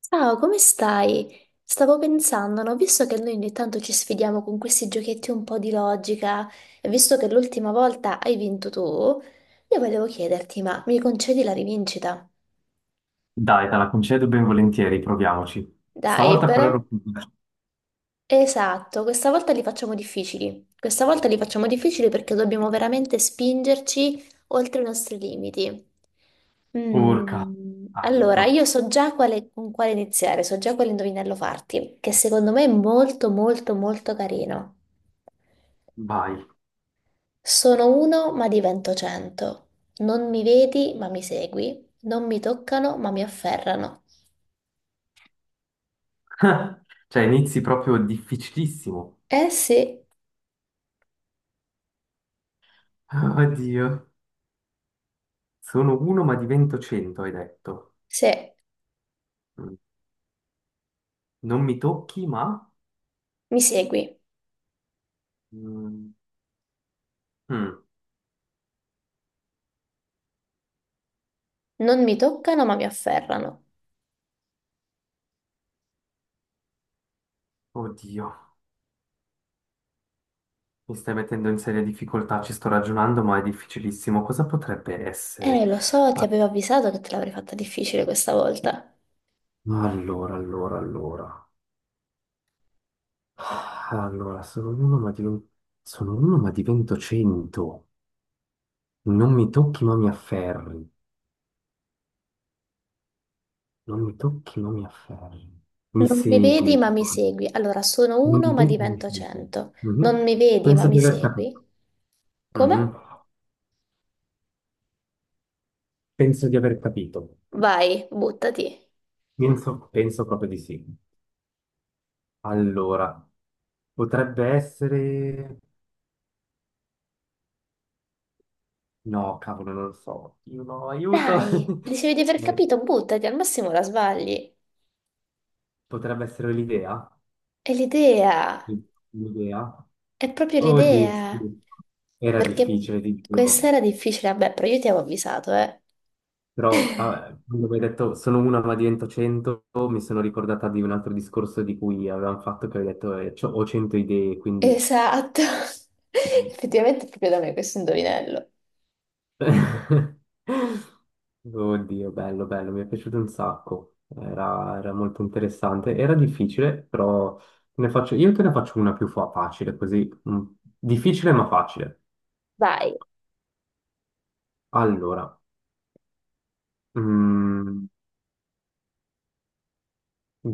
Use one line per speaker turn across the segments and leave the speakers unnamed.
Ciao, come stai? Stavo pensando, no? Visto che noi ogni tanto ci sfidiamo con questi giochetti un po' di logica, e visto che l'ultima volta hai vinto tu, io volevo chiederti, ma mi concedi la rivincita?
Dai, te la concedo ben volentieri, proviamoci.
Dai,
Stavolta però
però
ero più veloce.
Esatto, questa volta li facciamo difficili. Questa volta li facciamo difficili perché dobbiamo veramente spingerci oltre i nostri limiti.
Urca, aiuto,
Allora, io so già con quale iniziare, so già quale indovinello farti, che secondo me è molto molto molto carino.
vai.
Sono uno ma divento cento. Non mi vedi ma mi segui. Non mi toccano ma mi afferrano.
Cioè, inizi proprio difficilissimo.
Eh sì,
Oddio, sono uno ma divento cento, hai detto.
sì,
Mm. Non mi tocchi, ma...
mi segui.
Mm. Mm.
Non mi toccano ma mi afferrano.
Oddio, mi stai mettendo in seria difficoltà, ci sto ragionando, ma è difficilissimo. Cosa potrebbe essere?
Lo so, ti
Ah,
avevo avvisato che te l'avrei fatta difficile questa volta.
allora, allora, allora. Ah, allora, sono uno, ma divento, sono uno, ma divento cento. Non mi tocchi, ma mi afferri. Non mi tocchi, ma mi afferri. Mi
Non mi vedi
segui.
ma mi segui. Allora, sono
Non
uno
mi
ma
vedi, ma mi
divento
segui.
cento. Non
Mhm.
mi vedi ma
Penso
mi
di aver capito.
segui. Come?
Mhm. Penso di aver capito.
Vai, buttati.
Penso proprio di sì. Allora, potrebbe essere... No, cavolo, non lo so. Io no, aiuto.
Dai, dicevi di aver
Eh,
capito, buttati, al massimo la sbagli.
potrebbe essere l'idea.
È l'idea,
L'idea.
è proprio
Oddio,
l'idea.
sì. Era
Perché
difficile, ti
questa
giuro.
era difficile, vabbè, però io ti avevo avvisato, eh.
Però ah, quando mi hai detto sono una ma divento cento, mi sono ricordata di un altro discorso di cui avevamo fatto che avevi detto c'ho- ho cento idee, quindi...
Esatto. Effettivamente è proprio da me questo indovinello.
Oddio, bello, bello, mi è piaciuto un sacco. Era molto interessante. Era difficile, però ne faccio- io te ne faccio una più fa- facile, così. Mm, difficile ma facile.
Vai.
Allora, mm,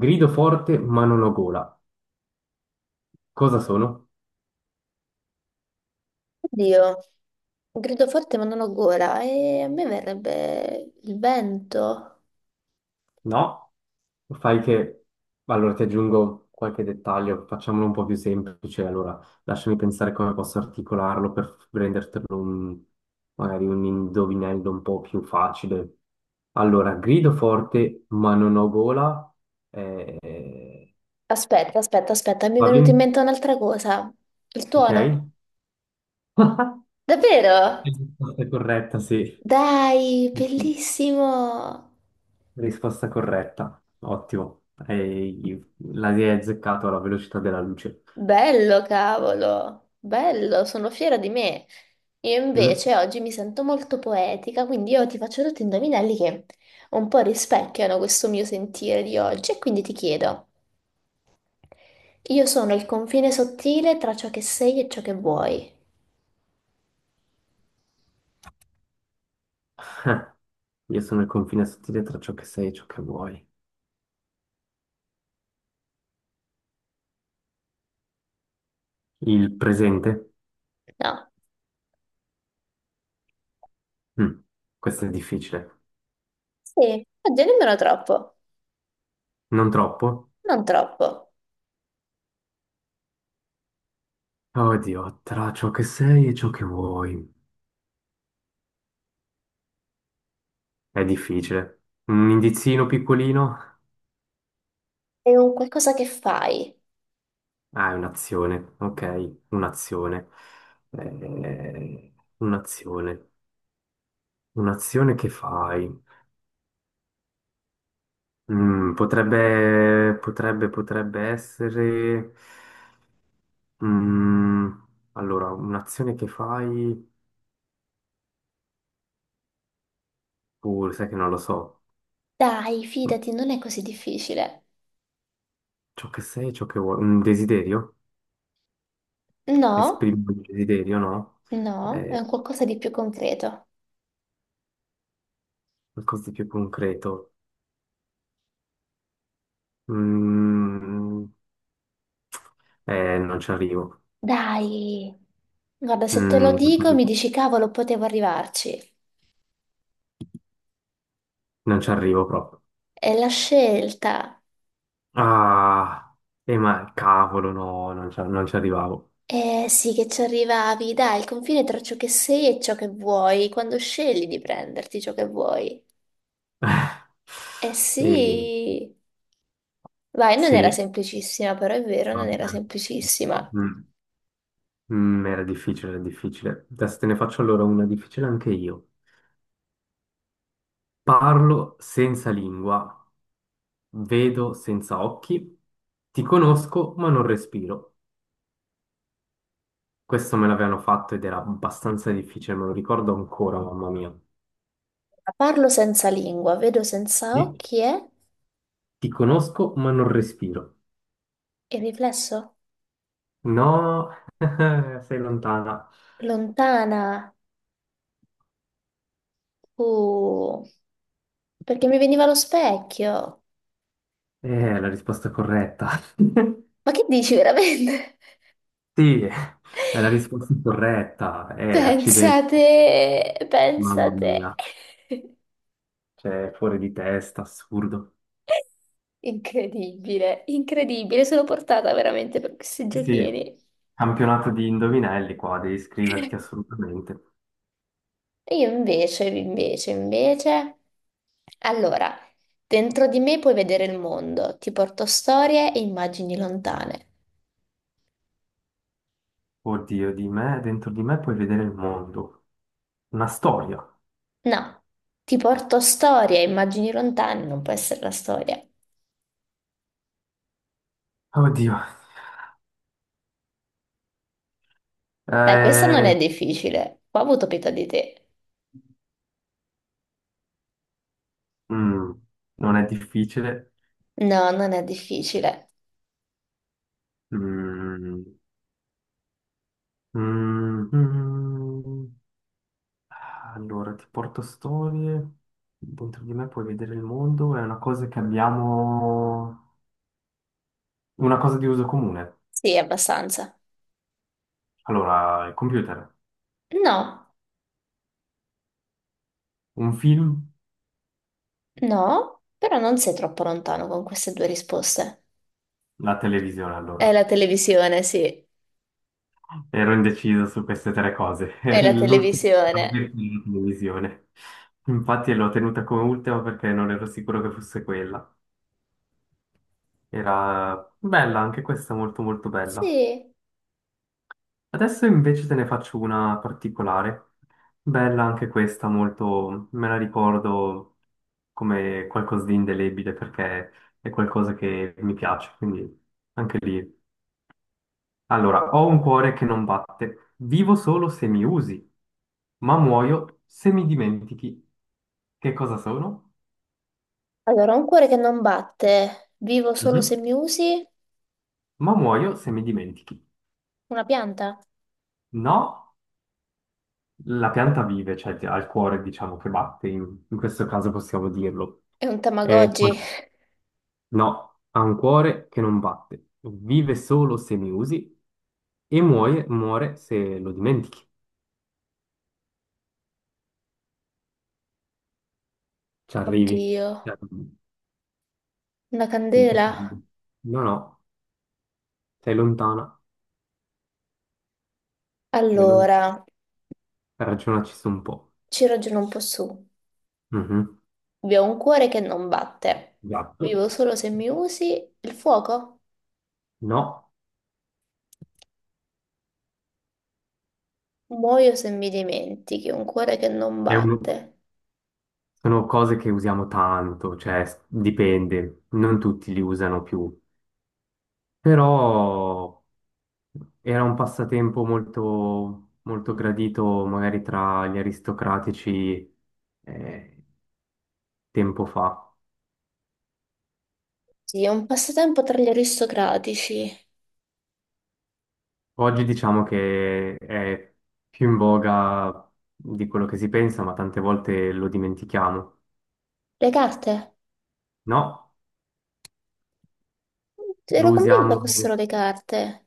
grido forte ma non ho gola. Cosa sono?
Oddio, grido forte ma non ho gola e a me verrebbe il vento.
No, fai che... Allora ti aggiungo qualche dettaglio, facciamolo un po' più semplice. Allora, lasciami pensare come posso articolarlo per rendertelo un- magari un indovinello un po' più facile. Allora, grido forte ma non ho gola. eh,
Aspetta, aspetta, aspetta, mi è
Va
venuta in
bene?
mente un'altra cosa. Il
Ok?
tuono? Davvero?
Risposta corretta, sì.
Dai, bellissimo!
Risposta corretta. Ottimo. E la hai azzeccato alla velocità della luce.
Bello, cavolo, bello, sono fiera di me. Io
Mm.
invece oggi mi sento molto poetica, quindi io ti faccio tutti indovinelli che un po' rispecchiano questo mio sentire di oggi e quindi ti chiedo, io sono il confine sottile tra ciò che sei e ciò che vuoi.
Io sono il confine sottile tra ciò che sei e ciò che vuoi. Il presente?
No?
Mm, questo è difficile.
Sì, oddio, nemmeno troppo,
Non troppo?
non troppo.
Oddio, tra ciò che sei e ciò che vuoi. È difficile. Un indizino piccolino?
È un qualcosa che fai.
Ah, è un'azione. Ok, un'azione. Un'azione. Un'azione che fai? Potrebbe essere... Mm, allora, un'azione che fai... sai che non lo so.
Dai, fidati, non è così difficile.
Ciò che sei, ciò che vuoi, un desiderio,
No,
esprimi un desiderio, no?
no, è
Eh,
un qualcosa di più concreto.
qualcosa di più concreto. Mm, non ci arrivo.
Dai, guarda, se te lo
Non ci
dico mi
arrivo.
dici cavolo, potevo arrivarci.
Non ci arrivo proprio.
È la scelta.
Ah, ma cavolo, no, non ci arrivavo.
Eh sì, che ci arrivavi, dai, il confine tra ciò che sei e ciò che vuoi, quando scegli di prenderti ciò che vuoi. Eh
Eh,
sì, vai, non era
sì,
semplicissima, però è vero, non era
vabbè.
semplicissima.
Mm, era difficile, era difficile. Adesso te ne faccio allora una difficile anche io. Parlo senza lingua, vedo senza occhi, ti conosco ma non respiro. Questo me l'avevano fatto ed era abbastanza difficile, me lo ricordo ancora, mamma mia.
Parlo senza lingua, vedo senza
Ti
occhi, eh?
ti conosco ma non respiro.
E il riflesso.
No, sei lontana.
Lontana, uh, perché mi veniva lo specchio.
Eh, è la risposta corretta.
Ma che dici veramente?
Sì, è la risposta corretta. Accidenti,
Pensate,
mamma mia.
pensate.
Cioè, fuori di testa, assurdo.
Incredibile, incredibile, sono portata veramente per questi
Sì,
giochini.
campionato di indovinelli qua, devi iscriverti assolutamente.
E io invece, invece, invece. Allora, dentro di me puoi vedere il mondo, ti porto storie e immagini lontane.
Oddio, di me, dentro di me puoi vedere il mondo. Una storia.
No, ti porto storie e immagini lontane, non può essere la storia.
Oddio.
Dai, questa non è
Eh,
difficile. Qua ho avuto pietà di te.
mm, non è difficile.
No, non è difficile.
Mm, mm, mm. Allora, ti porto storie. Dentro di me puoi vedere il mondo. È una cosa che abbiamo... Una cosa di uso comune.
Sì, abbastanza.
Allora, il computer.
No.
Un film.
No, però non sei troppo lontano con queste due risposte.
La televisione,
È la
allora.
televisione, sì.
Ero indeciso su queste tre cose.
È la
L'ultimo era la
televisione.
televisione. Infatti l'ho tenuta come ultima perché non ero sicuro che fosse quella. Era bella, anche questa molto molto bella.
Sì.
Adesso invece te ne faccio una particolare. Bella anche questa, molto... me la ricordo come qualcosa di indelebile perché è qualcosa che mi piace, quindi anche lì. Allora, ho un cuore che non batte, vivo solo se mi usi, ma muoio se mi dimentichi. Che cosa sono?
Allora, un cuore che non batte. Vivo solo se
Mhm.
mi usi.
Ma muoio se mi dimentichi.
Una pianta.
No, la pianta vive, cioè ti- ha il cuore, diciamo, che batte, in questo caso possiamo dirlo.
È un
E
Tamagotchi.
poi- no, ha un cuore che non batte, vive solo se mi usi e muoie- muore se lo dimentichi. Ci arrivi. Ci
Oddio.
arrivi.
Una
Sì, che ci
candela.
arrivi. No, no, sei lontana. E lui
Allora,
ragionaci su un po'.
ci ragiono un po' su.
Mhm.
Vi ho un cuore che non batte.
Gatto.
Vivo solo se mi usi. Il fuoco.
No,
Muoio se mi dimentichi. Un cuore che non
è un-
batte.
sono cose che usiamo tanto, cioè s- dipende, non tutti li usano più, però era un passatempo molto, molto gradito magari tra gli aristocratici eh, tempo fa.
Sì, è un passatempo tra gli aristocratici.
Oggi diciamo che è più in voga di quello che si pensa, ma tante volte lo dimentichiamo.
Le carte?
No, lo
Ero convinta
usiamo.
fossero le carte.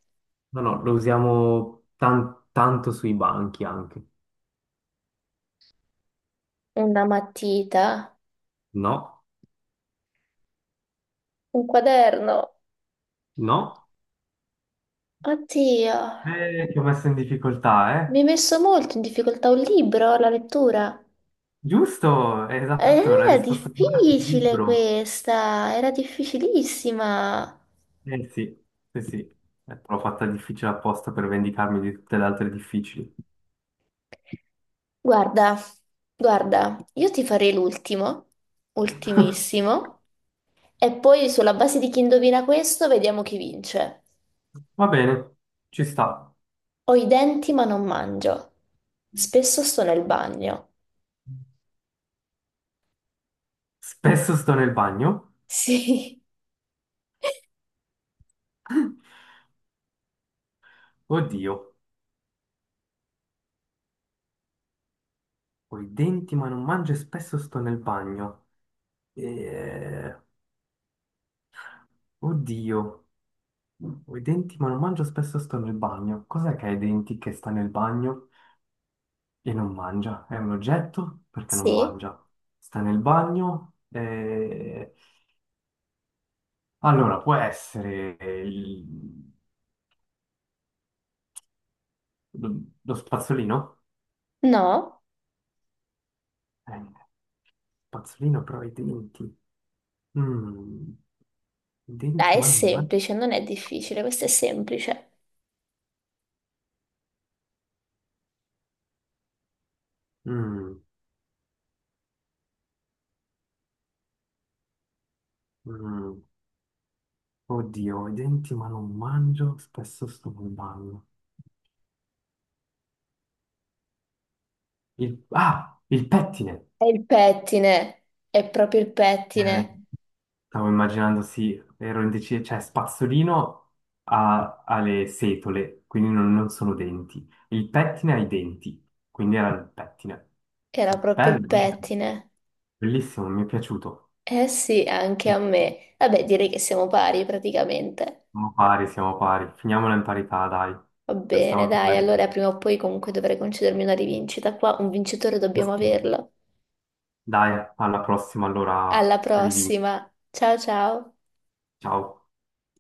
No, no, lo usiamo tan- tanto sui banchi anche.
Una matita,
No,
un quaderno.
no.
Oddio,
Ti ho messo in difficoltà,
mi
eh?
hai messo molto in difficoltà un libro, la lettura.
Giusto, esatto, la
Era
risposta corretta è il
difficile
libro.
questa, era difficilissima.
Eh sì, sì, sì. L'ho fatta difficile apposta per vendicarmi di tutte le altre difficili.
Guarda, guarda, io ti farei l'ultimo, ultimissimo, e poi sulla base di chi indovina questo vediamo chi vince.
Va bene, ci sta.
Ho i denti ma non mangio. Spesso sto nel bagno.
Spesso sto nel bagno.
Sì,
Oddio, ho i denti ma non mangio e spesso sto nel bagno. Eh, oddio. Ho i denti, ma non mangio spesso, sto nel bagno. Cos'è che ha i denti che sta nel bagno e non mangia? È un oggetto? Perché non
sì,
mangia? Sta nel bagno e... Allora, può essere il- lo lo spazzolino?
no,
Eh, spazzolino, però ha i denti. Mm, i denti,
dai, è
ma non mangio.
semplice, non è difficile, questo è semplice.
Mm, mm. Oddio, ho i denti, ma non mangio, spesso sto nel bagno. Il... Ah, il pettine!
È il pettine, è proprio il
Eh,
pettine,
Stavo immaginando, sì, ero indeciso, cioè spazzolino ha le setole, quindi non sono denti. Il pettine ha i denti, quindi era il pettine.
era proprio il
Bello,
pettine.
bellissimo, mi è piaciuto.
Eh sì, anche a me. Vabbè, direi che siamo pari praticamente.
Siamo pari, siamo pari. Finiamola in parità, dai.
Va
Per
bene,
stavolta va
dai,
bene
allora
così.
prima o poi comunque dovrei concedermi una rivincita. Qua un vincitore dobbiamo averlo.
Dai, alla prossima, allora
Alla
rivi.
prossima. Ciao ciao.
Ciao.